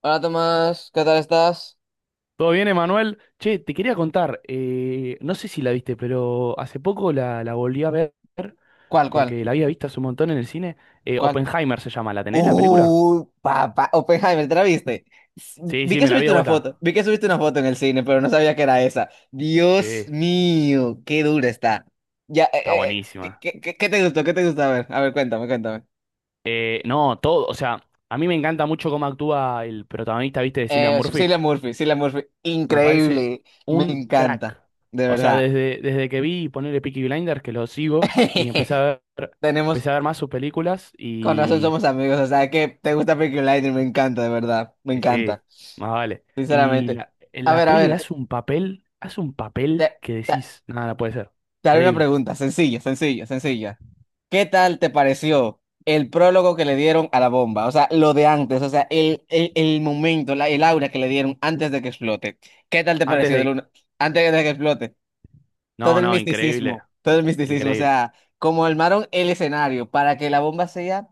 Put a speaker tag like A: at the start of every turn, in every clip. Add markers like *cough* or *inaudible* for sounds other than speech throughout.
A: Hola Tomás, ¿qué tal estás?
B: ¿Todo bien, Emanuel? Che, te quería contar, no sé si la viste, pero hace poco la volví a ver,
A: ¿Cuál, cuál?
B: porque la había visto hace un montón en el cine.
A: ¿Cuál?
B: Oppenheimer se llama, ¿la tenés la película?
A: Papá, Oppenheimer, ¿te la viste? S-
B: Sí,
A: Vi
B: sí,
A: que
B: me la vi de
A: subiste una
B: vuelta.
A: foto, vi que subiste una foto en el cine, pero no sabía que era esa.
B: Sí,
A: Dios
B: está
A: mío, qué dura está. Ya, ¿qué,
B: buenísima.
A: qué, qué- qué te gustó? ¿Qué te gustó? A ver, cuéntame, cuéntame.
B: No, todo, o sea, a mí me encanta mucho cómo actúa el protagonista, ¿viste? De Cillian Murphy.
A: Cillian Murphy, Cillian Murphy,
B: Me parece
A: increíble, me
B: un
A: encanta,
B: crack.
A: de
B: O sea,
A: verdad.
B: desde que vi ponerle Peaky Blinders, que lo sigo, y
A: *laughs* Tenemos,
B: empecé a ver más sus películas.
A: con razón somos amigos, o sea que te gusta Peaky Blinders, me encanta, de verdad, me
B: Y sí,
A: encanta,
B: más vale. Y
A: sinceramente.
B: en
A: A
B: la
A: ver, a
B: peli
A: ver.
B: hace un
A: Te,
B: papel que
A: te-
B: decís, nada, no puede ser.
A: te haré una
B: Increíble.
A: pregunta, sencilla, sencilla, sencilla. ¿Qué tal te pareció el prólogo que le dieron a la bomba? O sea, lo de antes, o sea, el momento, el aura que le dieron antes de que explote. ¿Qué tal te
B: Antes
A: pareció
B: de...
A: antes de que explote?
B: No, no, increíble,
A: Todo el misticismo, o
B: increíble.
A: sea, cómo armaron el escenario para que la bomba sea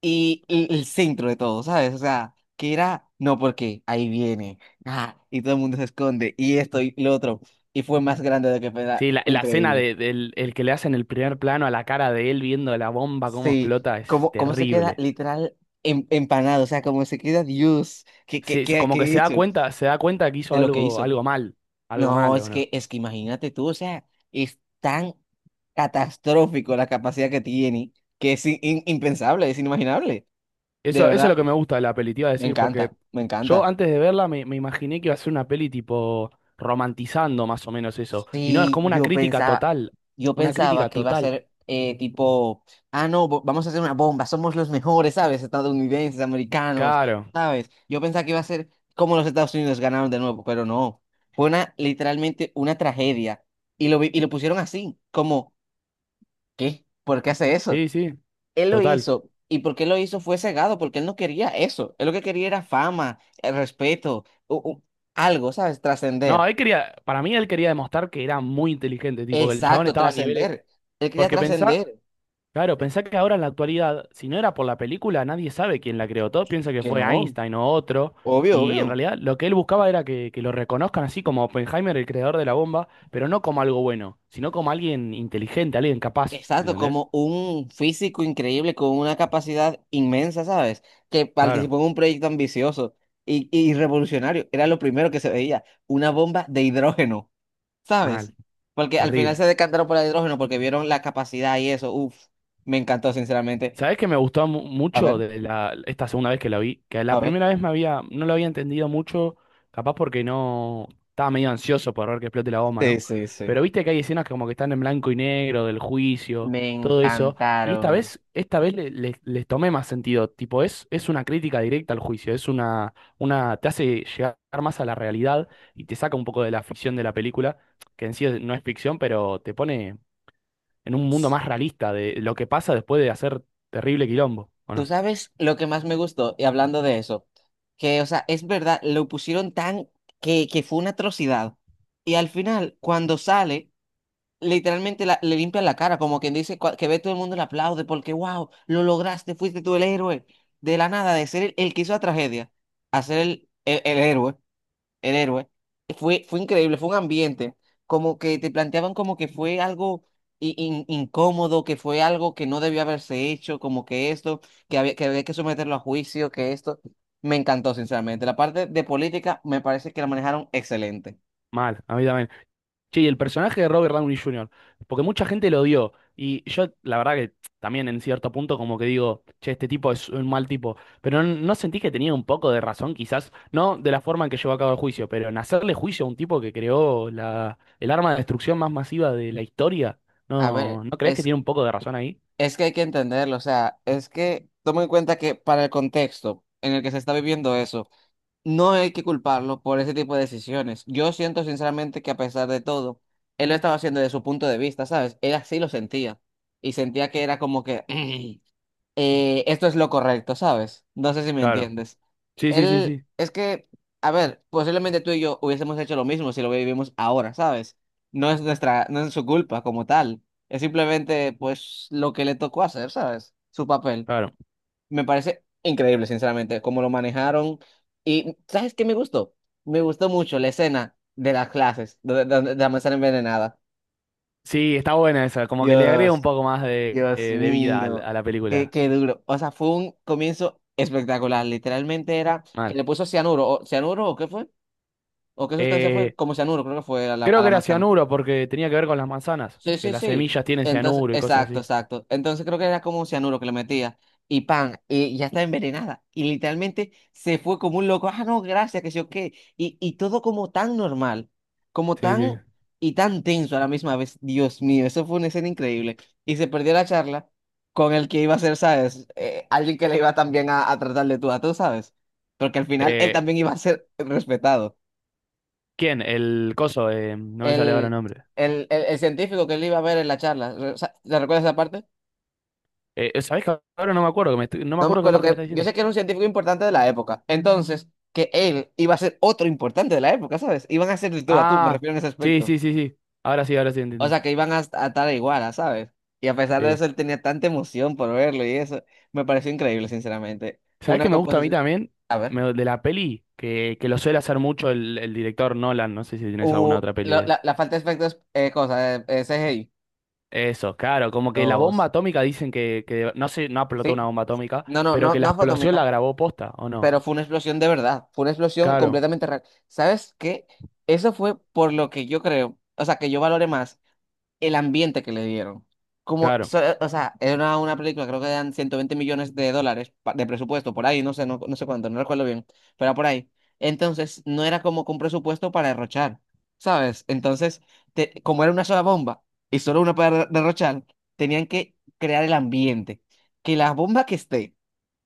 A: y el centro de todo, ¿sabes? O sea, que era, no, porque ahí viene, ah, y todo el mundo se esconde, y esto y lo otro, y fue más grande de lo que
B: Sí,
A: fue,
B: la
A: increíble.
B: del el que le hacen el primer plano a la cara de él viendo la bomba cómo
A: Sí,
B: explota es
A: ¿cómo se queda
B: terrible.
A: literal empanado? O sea, cómo se queda Dios. ¿Qué, qué,
B: Sí, sí,
A: qué,
B: como que
A: qué he hecho
B: se da cuenta que hizo
A: de lo que
B: algo,
A: hizo?
B: algo mal, algo
A: No,
B: malo,
A: es que,
B: no.
A: es que imagínate tú, o sea, es tan catastrófico la capacidad que tiene que es impensable, es inimaginable. De
B: Eso, eso es
A: verdad,
B: lo que me gusta de la peli, te iba a
A: me
B: decir,
A: encanta,
B: porque
A: me
B: yo
A: encanta.
B: antes de verla me imaginé que iba a ser una peli tipo romantizando más o menos eso. Y no, es
A: Sí,
B: como una
A: yo
B: crítica
A: pensaba,
B: total.
A: yo
B: Una
A: pensaba
B: crítica
A: que iba a
B: total.
A: ser tipo, ah, no, vamos a hacer una bomba, somos los mejores, ¿sabes? Estadounidenses, americanos,
B: Claro.
A: ¿sabes? Yo pensaba que iba a ser como los Estados Unidos ganaron de nuevo, pero no. Literalmente una tragedia. Y lo pusieron así, como, ¿qué? ¿Por qué hace eso?
B: Sí, sí,
A: Él lo
B: total.
A: hizo, y porque él lo hizo fue cegado, porque él no quería eso. Él lo que quería era fama, respeto, algo, ¿sabes?
B: No,
A: Trascender.
B: él quería, para mí él quería demostrar que era muy inteligente, tipo que el chabón
A: Exacto,
B: estaba a niveles.
A: trascender. Él quería
B: Porque pensá,
A: trascender.
B: claro, pensá que ahora en la actualidad, si no era por la película, nadie sabe quién la creó. Todos piensan que
A: Que
B: fue
A: no,
B: Einstein o otro.
A: obvio,
B: Y en
A: obvio.
B: realidad lo que él buscaba era que lo reconozcan así como Oppenheimer, el creador de la bomba, pero no como algo bueno, sino como alguien inteligente, alguien capaz.
A: Exacto,
B: ¿Entendés?
A: como un físico increíble con una capacidad inmensa, ¿sabes? Que
B: Claro,
A: participó en un proyecto ambicioso y revolucionario. Era lo primero que se veía, una bomba de hidrógeno, ¿sabes?
B: mal,
A: Porque al final
B: terrible.
A: se decantaron por el hidrógeno porque vieron la capacidad y eso. Uf, me encantó, sinceramente.
B: ¿Sabés que me gustó
A: A
B: mucho
A: ver,
B: de la, esta segunda vez que la vi? Que la
A: a ver.
B: primera vez me había, no lo había entendido mucho, capaz porque no estaba medio ansioso por ver que explote la bomba,
A: Sí,
B: ¿no?
A: sí, sí.
B: Pero viste que hay escenas que como que están en blanco y negro, del juicio,
A: Me
B: todo eso. Y
A: encantaron.
B: esta vez les tomé más sentido. Tipo, es una crítica directa al juicio, es una, te hace llegar más a la realidad y te saca un poco de la ficción de la película, que en sí no es ficción, pero te pone en un mundo más realista de lo que pasa después de hacer terrible quilombo, ¿o
A: Tú
B: no?
A: sabes lo que más me gustó, y hablando de eso, que, o sea, es verdad, lo pusieron tan que fue una atrocidad. Y al final, cuando sale, literalmente le limpian la cara, como quien dice que ve todo el mundo y le aplaude, porque, wow, lo lograste, fuiste tú el héroe. De la nada, de ser el que hizo la tragedia, a ser el héroe, fue increíble, fue un ambiente, como que te planteaban como que fue algo incómodo, que fue algo que no debió haberse hecho, como que esto, que había que someterlo a juicio, que esto. Me encantó, sinceramente. La parte de política me parece que la manejaron excelente.
B: Mal, a mí también. Che, y el personaje de Robert Downey Jr., porque mucha gente lo odió, y yo la verdad que también en cierto punto como que digo, che, este tipo es un mal tipo, pero no, no sentí que tenía un poco de razón, quizás, no de la forma en que llevó a cabo el juicio, pero en hacerle juicio a un tipo que creó el arma de destrucción más masiva de la historia,
A: A ver,
B: ¿no, no crees que
A: es,
B: tiene un poco de razón ahí?
A: es que hay que entenderlo, o sea, es que toma en cuenta que para el contexto en el que se está viviendo eso. No hay que culparlo por ese tipo de decisiones. Yo siento sinceramente que a pesar de todo, él lo estaba haciendo desde su punto de vista, ¿sabes? Él así lo sentía y sentía que era como que *clears throat* esto es lo correcto, ¿sabes? No sé si me
B: Claro.
A: entiendes.
B: Sí, sí, sí,
A: Él,
B: sí.
A: es que, a ver, posiblemente tú y yo hubiésemos hecho lo mismo si lo vivimos ahora, ¿sabes? No es su culpa como tal. Es simplemente, pues, lo que le tocó hacer, ¿sabes? Su papel.
B: Claro.
A: Me parece increíble, sinceramente, cómo lo manejaron. Y, ¿sabes qué me gustó? Me gustó mucho la escena de las clases, donde la manzana envenenada.
B: Sí, está buena esa, como que le agrega un
A: Dios,
B: poco más de,
A: Dios
B: de vida
A: mío,
B: a la
A: qué,
B: película.
A: qué duro. O sea, fue un comienzo espectacular. Literalmente era que
B: Mal.
A: le puso cianuro, o, cianuro, ¿o qué fue? ¿O qué sustancia fue?
B: Eh,
A: Como cianuro, creo que fue a la,
B: Creo
A: a
B: que
A: la
B: era
A: manzana.
B: cianuro porque tenía que ver con las manzanas,
A: Sí,
B: que
A: sí,
B: las
A: sí.
B: semillas tienen
A: Entonces,
B: cianuro y cosas
A: exacto,
B: así.
A: exacto. Entonces creo que era como un cianuro que le metía. Y pan, y ya está envenenada. Y literalmente se fue como un loco. Ah, no, gracias, que sé yo qué. Y todo como tan normal, como
B: Sí,
A: tan
B: sí.
A: y tan tenso a la misma vez. Dios mío, eso fue una escena increíble. Y se perdió la charla con el que iba a ser, ¿sabes? Alguien que le iba también a tratar de tú a tú, ¿sabes? Porque al final él
B: Eh,
A: también iba a ser respetado.
B: ¿Quién? El coso, no me sale ahora el
A: El,
B: nombre.
A: el científico que él iba a ver en la charla, ¿te recuerdas esa parte?
B: ¿Sabés que ahora no me acuerdo? Que no me
A: No me
B: acuerdo qué
A: acuerdo
B: parte me está
A: que. Yo
B: diciendo.
A: sé que era un científico importante de la época. Entonces, que él iba a ser otro importante de la época, ¿sabes? Iban a ser de tú a tú, me
B: Ah,
A: refiero en ese
B: sí,
A: aspecto.
B: sí, sí, sí. Ahora sí, ahora sí
A: O
B: entendí.
A: sea, que iban a estar igual, a, ¿sabes? Y a pesar de
B: Sí.
A: eso, él tenía tanta emoción por verlo y eso. Me pareció increíble, sinceramente.
B: ¿Sabés
A: Una
B: qué me gusta a mí
A: composición.
B: también?
A: A ver.
B: De la peli, que lo suele hacer mucho el director Nolan, no sé si tienes alguna
A: Uh,
B: otra peli de
A: lo-
B: él.
A: la, la falta de efectos, cosa, CGI.
B: Eso, claro, como que la bomba
A: Los.
B: atómica dicen que no sé, no explotó
A: Sí.
B: una bomba atómica,
A: No, no,
B: pero
A: no,
B: que la
A: no fue
B: explosión la
A: atómica.
B: grabó posta, ¿o no?
A: Pero fue una explosión de verdad. Fue una explosión
B: Claro,
A: completamente real. ¿Sabes qué? Eso fue por lo que yo creo. O sea, que yo valore más el ambiente que le dieron.
B: claro,
A: O sea, era una película, creo que eran 120 millones de dólares de presupuesto, por ahí, no sé, no sé cuánto, no recuerdo bien, pero por ahí. Entonces, no era como con presupuesto para derrochar, ¿sabes? Entonces, como era una sola bomba y solo una para derrochar, tenían que crear el ambiente. Que la bomba que esté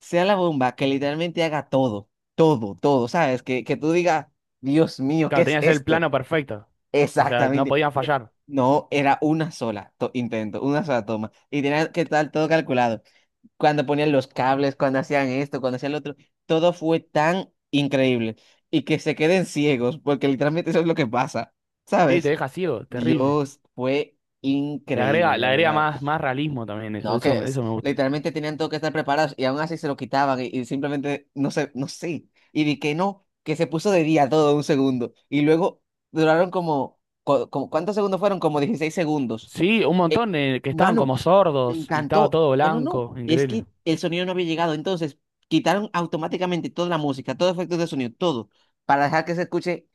A: sea la bomba que literalmente haga todo, todo, todo, ¿sabes? Que tú digas, Dios mío, ¿qué
B: claro,
A: es
B: tenía que ser el
A: esto?
B: plano perfecto, o sea, no
A: Exactamente.
B: podían fallar.
A: No, era una sola intento, una sola toma. Y tenía que estar todo calculado. Cuando ponían los cables, cuando hacían esto, cuando hacían lo otro, todo fue tan increíble. Y que se queden ciegos, porque literalmente eso es lo que pasa.
B: Sí, te
A: ¿Sabes?
B: deja ciego, terrible.
A: Dios, fue increíble,
B: Le
A: de
B: agrega
A: verdad.
B: más, más realismo también, eso,
A: No, que
B: eso, eso me gusta.
A: literalmente tenían todo que estar preparados y aún así se lo quitaban y simplemente no sé, no sé. Y vi que no, que se puso de día todo un segundo. Y luego duraron como, como ¿cuántos segundos fueron? Como 16 segundos.
B: Sí, un
A: Eh,
B: montón de, que estaban
A: mano,
B: como
A: me
B: sordos y estaba
A: encantó.
B: todo
A: No, no, no.
B: blanco,
A: Es
B: increíble.
A: que el sonido no había llegado. Entonces quitaron automáticamente toda la música, todos los efectos de sonido, todo, para dejar que se escuche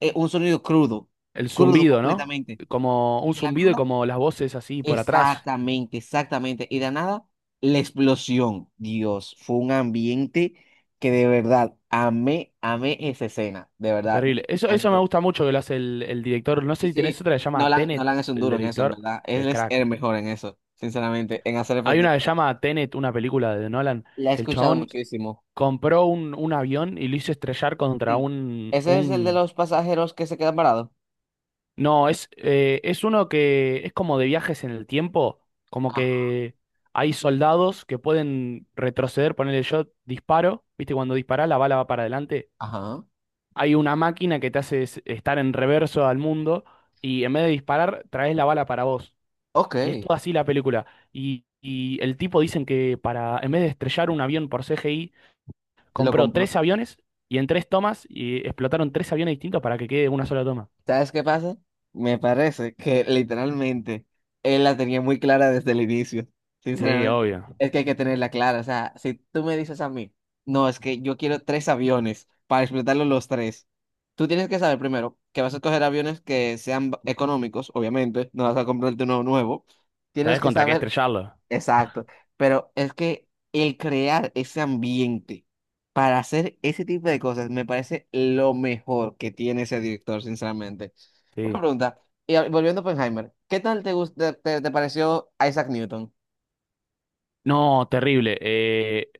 A: un sonido crudo,
B: El
A: crudo
B: zumbido, ¿no?
A: completamente.
B: Como
A: Y
B: un
A: de la
B: zumbido y
A: nada.
B: como las voces así por atrás.
A: Exactamente, exactamente. Y de nada, la explosión. Dios, fue un ambiente que de verdad amé, amé esa escena. De verdad, me
B: Terrible. Eso me
A: encantó.
B: gusta mucho que lo hace el director. No sé
A: Sí,
B: si tenés
A: sí,
B: otra que se llama
A: Nolan,
B: Tenet,
A: Nolan es un
B: el
A: duro en eso, en
B: director.
A: verdad. Él
B: El
A: es
B: crack.
A: el mejor en eso, sinceramente, en hacer
B: Hay
A: efectos.
B: una que se llama Tenet, una película de Nolan,
A: La he
B: que el
A: escuchado
B: chabón
A: muchísimo.
B: compró un avión y lo hizo estrellar contra
A: Sí. Ese es el de
B: un...
A: los pasajeros que se quedan parados.
B: No, es uno que es como de viajes en el tiempo, como
A: Ajá.
B: que hay soldados que pueden retroceder, ponerle yo disparo, ¿viste? Cuando disparás la bala va para adelante
A: Ajá.
B: hay una máquina que te hace estar en reverso al mundo y en vez de disparar, traes la bala para vos.
A: Ok.
B: Y es toda así la película. Y el tipo dicen que para, en vez de estrellar un avión por CGI,
A: Lo
B: compró
A: compró.
B: tres aviones y en tres tomas y explotaron tres aviones distintos para que quede una sola toma.
A: ¿Sabes qué pasa? Me parece que literalmente él la tenía muy clara desde el inicio,
B: Sí,
A: sinceramente.
B: obvio.
A: Es que hay que tenerla clara. O sea, si tú me dices a mí, no, es que yo quiero tres aviones para explotarlos los tres, tú tienes que saber primero que vas a coger aviones que sean económicos, obviamente, no vas a comprarte uno nuevo. Tienes
B: ¿Sabés
A: que
B: contra qué
A: saber.
B: estrellarlo?
A: Exacto, pero es que el crear ese ambiente para hacer ese tipo de cosas me parece lo mejor que tiene ese director, sinceramente. Una
B: Sí.
A: pregunta, y volviendo a Oppenheimer, ¿qué tal te pareció Isaac Newton?
B: No, terrible.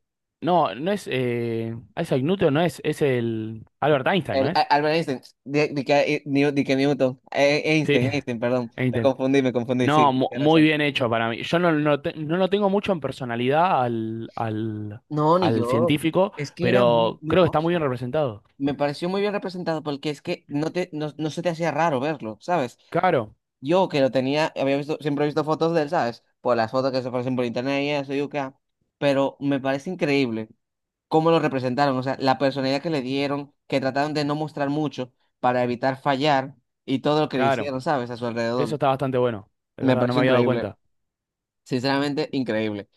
B: No, no es Isaac Newton, no es, es el Albert Einstein, ¿no
A: El, a-
B: es?
A: Albert Einstein, di que Newton,
B: Sí,
A: Einstein, Einstein, perdón,
B: *laughs* Einstein.
A: me confundí,
B: No,
A: sí, tienes
B: muy
A: razón.
B: bien hecho para mí. Yo no, no, no lo tengo mucho en personalidad al,
A: No, ni
B: al
A: yo.
B: científico,
A: Es que era muy,
B: pero
A: muy
B: creo que está muy bien
A: cosa.
B: representado.
A: Me pareció muy bien representado porque es que no se te hacía raro verlo, ¿sabes?
B: Claro,
A: Yo que lo tenía, había visto, siempre he visto fotos de él, ¿sabes? Por las fotos que se aparecen por internet y eso, y acá. Pero me parece increíble cómo lo representaron, o sea, la personalidad que le dieron, que trataron de no mostrar mucho para evitar fallar y todo lo que le
B: claro.
A: hicieron, ¿sabes? A su
B: Eso
A: alrededor.
B: está bastante bueno. De
A: Me
B: verdad, no me
A: pareció
B: había dado
A: increíble,
B: cuenta.
A: sinceramente increíble.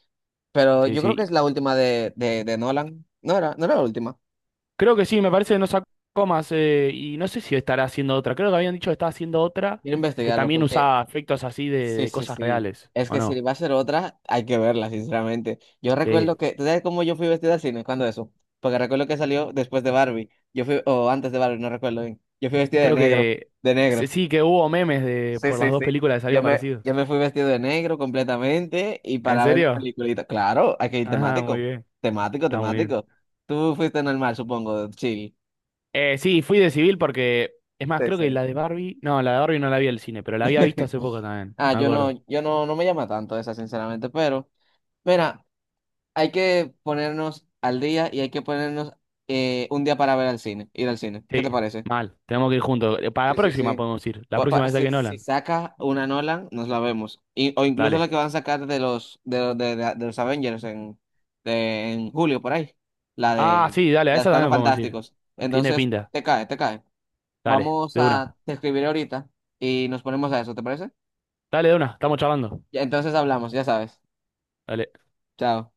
A: Pero
B: Sí,
A: yo creo que
B: sí.
A: es la última de Nolan. No era la última.
B: Creo que sí, me parece que no sacó más. Y no sé si estará haciendo otra. Creo que habían dicho que estaba haciendo otra
A: Quiero
B: que
A: investigarlo
B: también
A: porque.
B: usaba efectos así
A: Sí,
B: de
A: sí,
B: cosas
A: sí.
B: reales,
A: Es
B: ¿o
A: que si
B: no?
A: va a ser otra, hay que verla, sinceramente. Yo
B: Sí.
A: recuerdo que, ¿tú sabes cómo yo fui vestida al cine? ¿Cuándo eso? Porque recuerdo que salió después de Barbie. Yo fui, o antes de Barbie, no recuerdo bien. Yo fui vestida de
B: Creo
A: negro,
B: que
A: de negro.
B: sí, sí, que hubo memes de,
A: Sí,
B: por las
A: sí,
B: dos
A: sí.
B: películas que
A: Yo
B: salieron
A: me,
B: parecidos.
A: yo me fui vestido de negro completamente y
B: ¿En
A: para ver una
B: serio?
A: peliculita. Claro, hay que ir
B: Ajá, muy
A: temático.
B: bien.
A: Temático,
B: Está muy bien.
A: temático. Tú fuiste normal, supongo, de chill.
B: Sí, fui de civil porque, es más,
A: Sí,
B: creo
A: sí.
B: que la de Barbie, no, la de Barbie no la vi al cine, pero la había visto
A: *laughs*
B: hace poco también,
A: Ah,
B: me
A: yo no,
B: acuerdo.
A: yo no, no me llama tanto esa, sinceramente, pero mira. Hay que ponernos al día y hay que ponernos un día para ver al cine, ir al cine. ¿Qué
B: Sí,
A: te parece?
B: mal, tenemos que ir juntos. Para la
A: Sí, sí,
B: próxima
A: sí.
B: podemos ir, la
A: Pa- pa-
B: próxima esa
A: si,
B: que
A: si
B: Nolan.
A: saca una Nolan, nos la vemos. O incluso la
B: Dale.
A: que van a sacar de los Avengers en julio, por ahí. La
B: Ah,
A: de
B: sí, dale, a
A: las
B: esa
A: Cuatro
B: también podemos ir.
A: Fantásticos.
B: Tiene
A: Entonces,
B: pinta.
A: te cae, te cae.
B: Dale,
A: Vamos
B: de una.
A: a te escribiré ahorita y nos ponemos a eso, ¿te parece?
B: Dale, de una, estamos charlando.
A: Ya, entonces hablamos, ya sabes.
B: Dale.
A: Chao.